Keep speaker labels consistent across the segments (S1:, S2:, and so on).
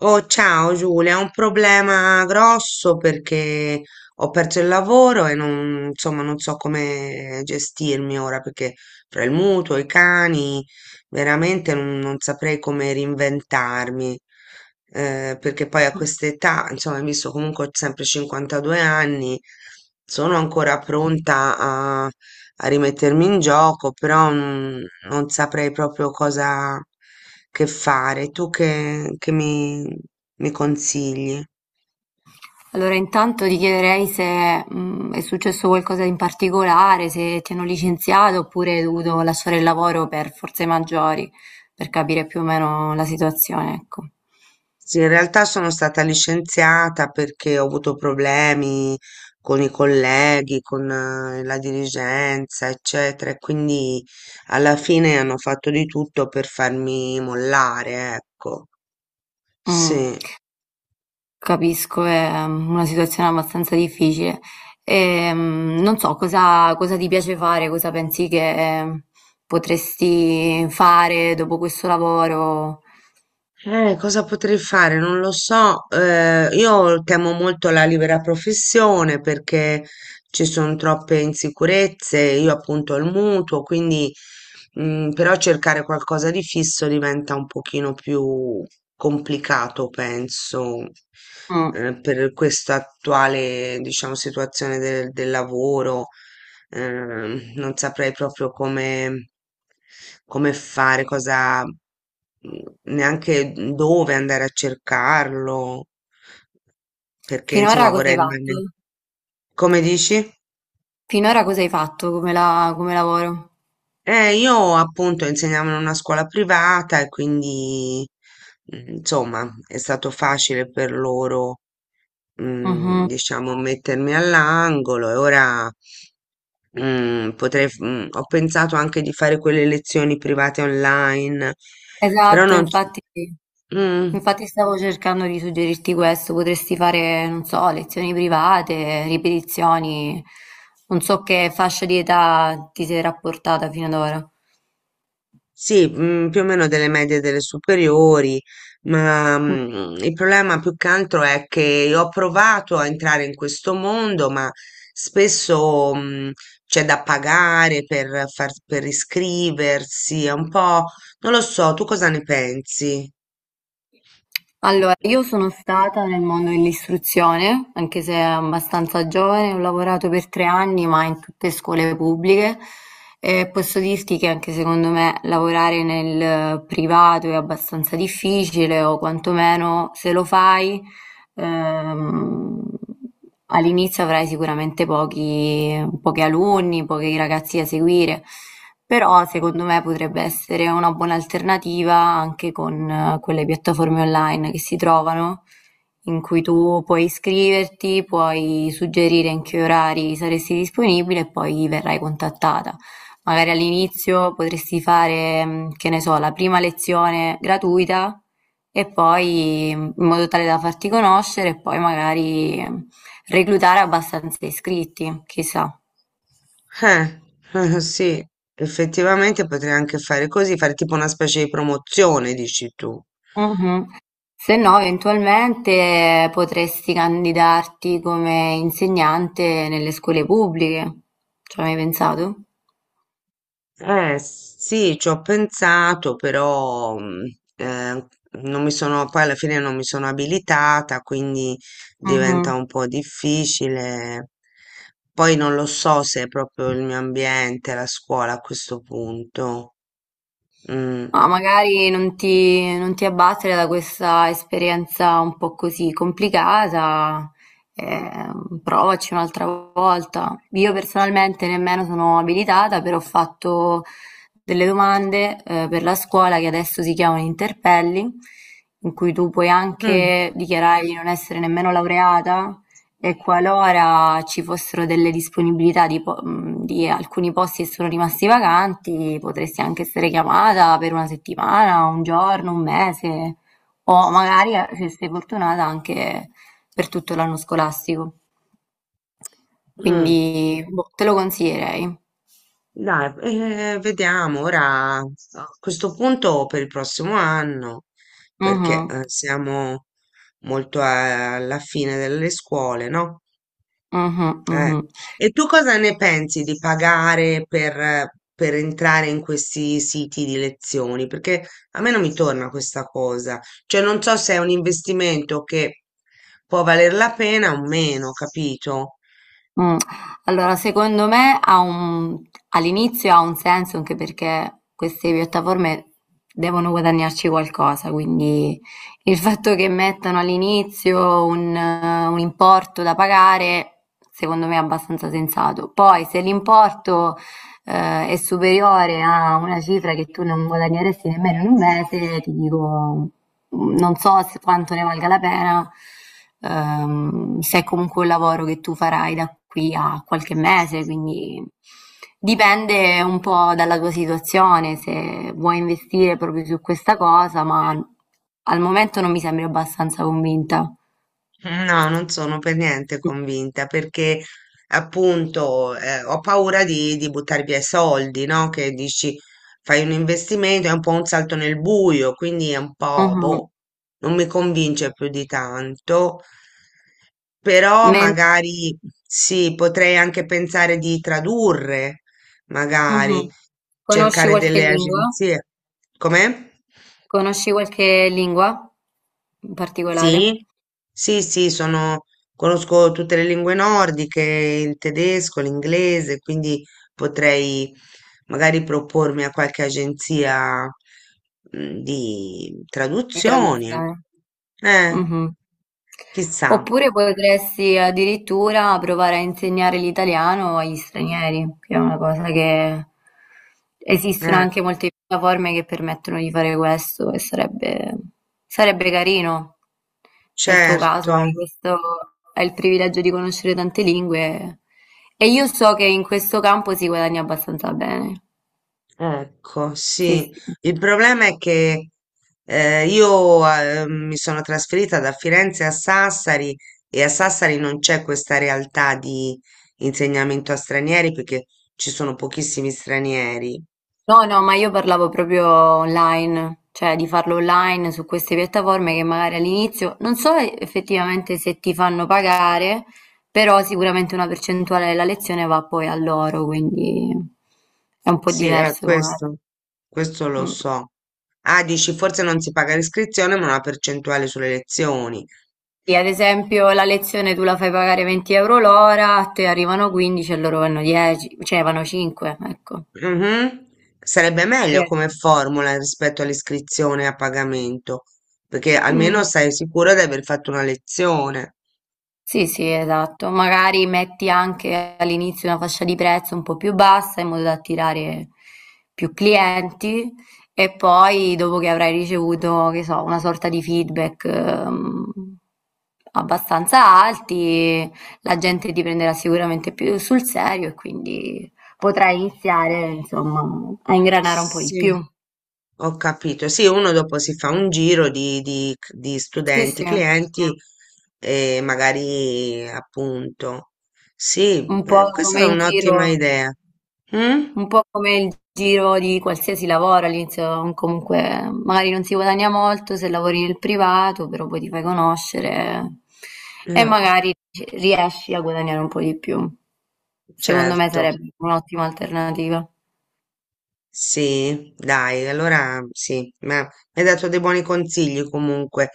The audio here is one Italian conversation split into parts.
S1: Oh, ciao Giulia, ho un problema grosso perché ho perso il lavoro e non, insomma, non so come gestirmi ora perché tra il mutuo, i cani, veramente non saprei come reinventarmi. Perché poi a quest'età, insomma, hai visto comunque ho sempre 52 anni, sono ancora pronta a rimettermi in gioco, però non saprei proprio cosa che fare. Tu che mi consigli?
S2: Allora intanto ti chiederei se, è successo qualcosa in particolare, se ti hanno licenziato oppure hai dovuto lasciare il lavoro per forze maggiori, per capire più o meno la situazione, ecco.
S1: Sì, in realtà sono stata licenziata perché ho avuto problemi con i colleghi, con la dirigenza, eccetera, e quindi alla fine hanno fatto di tutto per farmi mollare, ecco.
S2: Mh,
S1: Sì.
S2: capisco, è una situazione abbastanza difficile. Non so cosa ti piace fare, cosa pensi che potresti fare dopo questo lavoro.
S1: Cosa potrei fare? Non lo so. Io temo molto la libera professione perché ci sono troppe insicurezze. Io appunto ho il mutuo, quindi però cercare qualcosa di fisso diventa un pochino più complicato, penso,
S2: Mh.
S1: per questa attuale, diciamo, situazione del lavoro. Non saprei proprio come, come fare, cosa, neanche dove andare a cercarlo, perché insomma
S2: Finora cosa hai
S1: vorrei
S2: fatto?
S1: rimanere. Come dici?
S2: Finora cosa hai fatto come la come lavoro?
S1: Io appunto insegnavo in una scuola privata e quindi insomma è stato facile per loro,
S2: Mh-mh.
S1: diciamo, mettermi all'angolo e ora. Ho pensato anche di fare quelle lezioni private online, però
S2: Esatto,
S1: non... s-
S2: infatti
S1: Mm,
S2: infatti stavo cercando di suggerirti questo, potresti fare, non so, lezioni private, ripetizioni, non so che fascia di età ti sei rapportata fino ad ora.
S1: sì, più o meno delle medie e delle superiori, ma
S2: Mm.
S1: il problema più che altro è che io ho provato a entrare in questo mondo, ma spesso, c'è da pagare per, per iscriversi, è un po'... Non lo so, tu cosa ne pensi?
S2: Allora, io sono stata nel mondo dell'istruzione, anche se abbastanza giovane, ho lavorato per 3 anni, ma in tutte scuole pubbliche e posso dirti che anche secondo me lavorare nel privato è abbastanza difficile, o quantomeno se lo fai. Ehm, all'inizio avrai sicuramente pochi, pochi alunni, pochi ragazzi da seguire, però secondo me potrebbe essere una buona alternativa anche con quelle piattaforme online che si trovano, in cui tu puoi iscriverti, puoi suggerire in che orari saresti disponibile e poi verrai contattata. Magari all'inizio potresti fare, che ne so, la prima lezione gratuita e poi in modo tale da farti conoscere e poi magari reclutare abbastanza iscritti, chissà.
S1: Eh, sì, effettivamente potrei anche fare così, fare tipo una specie di promozione, dici tu.
S2: Mhm. Se no, eventualmente potresti candidarti come insegnante nelle scuole pubbliche. Ci hai mai pensato?
S1: Sì, ci ho pensato, però eh, non mi sono, poi alla fine non mi sono abilitata, quindi diventa
S2: Mhm.
S1: un po' difficile. Poi non lo so se è proprio il mio ambiente, la scuola a questo punto. Mm.
S2: Ma magari non ti, non ti abbattere da questa esperienza un po' così complicata, eh, provaci un'altra volta. Io personalmente nemmeno sono abilitata, però ho fatto delle domande, per la scuola che adesso si chiamano interpelli, in cui tu puoi
S1: Mm,
S2: anche dichiarare di non essere nemmeno laureata, e qualora ci fossero delle disponibilità di, di alcuni posti che sono rimasti vacanti, potresti anche essere chiamata per una settimana, un giorno, un mese, o magari, se sei fortunata, anche per tutto l'anno scolastico.
S1: mm.
S2: Quindi, boh, te lo consiglierei.
S1: Dai, vediamo ora a questo punto per il prossimo anno, perché
S2: Mhm,
S1: siamo molto alla fine delle scuole, no?
S2: mhm,
S1: Eh,
S2: mhm.
S1: e tu cosa ne pensi di pagare per entrare in questi siti di lezioni? Perché a me non mi torna questa cosa, cioè non so se è un investimento che può valer la pena o meno, capito?
S2: Mh, allora secondo me ha un all'inizio ha un senso anche perché queste piattaforme devono guadagnarci qualcosa, quindi il fatto che mettano all'inizio un importo da pagare, secondo me è abbastanza sensato. Poi se l'importo, è superiore a una cifra che tu non guadagneresti nemmeno in un mese, ti dico non so se quanto ne valga la pena, se è comunque un lavoro che tu farai da qui a qualche mese, quindi dipende un po' dalla tua situazione, se vuoi investire proprio su questa cosa, ma al momento non mi sembri abbastanza convinta.
S1: No, non sono per niente convinta perché appunto ho paura di buttare via i soldi, no? Che dici fai un investimento, è un po' un salto nel buio, quindi è un po',
S2: Mhm.
S1: boh, non mi convince più di tanto, però
S2: Men-
S1: magari sì, potrei anche pensare di tradurre, magari
S2: mhm. Conosci
S1: cercare
S2: qualche
S1: delle
S2: lingua?
S1: agenzie. Com'è?
S2: Conosci qualche lingua in particolare
S1: Sì, sì, sono, conosco tutte le lingue nordiche, il tedesco, l'inglese, quindi potrei magari propormi a qualche agenzia di
S2: di
S1: traduzioni.
S2: traduzione?
S1: Eh,
S2: Mh-mh.
S1: chissà,
S2: Oppure potresti addirittura provare a insegnare l'italiano agli stranieri, che è una cosa che esistono
S1: eh,
S2: anche molte piattaforme che permettono di fare questo e sarebbe carino. Nel tuo
S1: certo.
S2: caso hai il privilegio di conoscere tante lingue e io so che in questo campo si guadagna abbastanza bene.
S1: Ecco,
S2: Sì,
S1: sì,
S2: sì.
S1: il problema è che io mi sono trasferita da Firenze a Sassari e a Sassari non c'è questa realtà di insegnamento a stranieri perché ci sono pochissimi stranieri.
S2: No, no, ma io parlavo proprio online, cioè di farlo online su queste piattaforme che magari all'inizio non so effettivamente se ti fanno pagare, però sicuramente una percentuale della lezione va poi a loro, quindi è un po'
S1: Sì, è
S2: diverso magari.
S1: questo lo
S2: Mm.
S1: so. Ah, dici, forse non si paga l'iscrizione, ma una percentuale sulle lezioni.
S2: Sì, ad esempio la lezione tu la fai pagare 20 euro l'ora, a te arrivano 15 e loro vanno 10, cioè vanno 5, ecco.
S1: Mhm. Sarebbe meglio
S2: Credo.
S1: come formula rispetto all'iscrizione a pagamento, perché
S2: Mm.
S1: almeno sei sicuro di aver fatto una lezione.
S2: Sì, sì, esatto. Magari metti anche all'inizio una fascia di prezzo un po' più bassa in modo da attirare più clienti e poi dopo che avrai ricevuto, che so, una sorta di feedback abbastanza alti, la gente ti prenderà sicuramente più sul serio e quindi potrai iniziare, insomma, a ingranare un po' di
S1: Sì.
S2: più.
S1: Ho capito. Sì, uno dopo si fa un giro di
S2: Sì,
S1: studenti,
S2: sì,
S1: clienti e magari appunto. Sì,
S2: un po'
S1: questa
S2: come
S1: è
S2: il
S1: un'ottima
S2: giro.
S1: idea. Mm?
S2: Un po' come il giro di qualsiasi lavoro, all'inizio comunque magari non si guadagna molto se lavori nel privato, però poi ti fai conoscere e
S1: Eh,
S2: magari riesci a guadagnare un po' di più. Secondo me
S1: certo.
S2: sarebbe un'ottima alternativa.
S1: Sì, dai, allora sì, ma mi hai dato dei buoni consigli comunque,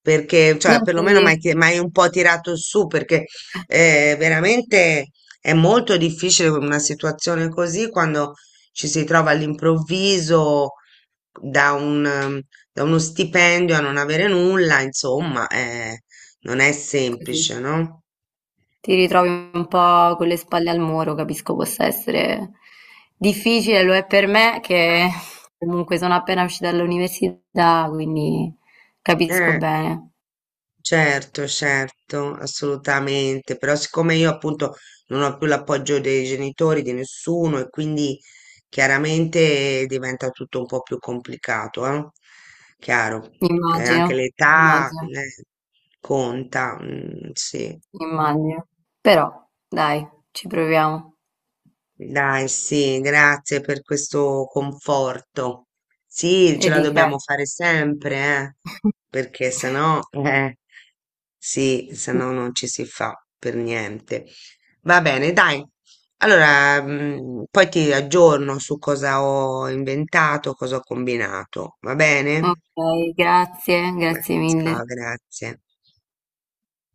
S1: perché, cioè,
S2: Non ti,
S1: perlomeno mi hai mi hai un po' tirato su, perché veramente è molto difficile una situazione così quando ci si trova all'improvviso da un, da uno stipendio a non avere nulla, insomma, non è
S2: così,
S1: semplice, no?
S2: ti ritrovi un po' con le spalle al muro, capisco possa essere difficile, lo è per me che comunque sono appena uscita dall'università, quindi capisco
S1: Eh.
S2: bene.
S1: Certo, certo, assolutamente, però siccome io appunto non ho più l'appoggio dei genitori, di nessuno e quindi chiaramente diventa tutto un po' più complicato, eh? Chiaro, anche
S2: Immagino,
S1: l'età
S2: immagino,
S1: conta, mm, sì.
S2: immagino. Però dai, ci proviamo.
S1: Dai, sì, grazie per questo conforto. Sì,
S2: E
S1: ce la
S2: di che.
S1: dobbiamo fare sempre, perché sennò, eh. Sì, se no non ci si fa per niente. Va bene, dai. Allora, poi ti aggiorno su cosa ho inventato, cosa ho combinato. Va bene?
S2: Okay, grazie,
S1: Beh,
S2: grazie mille.
S1: ciao, grazie.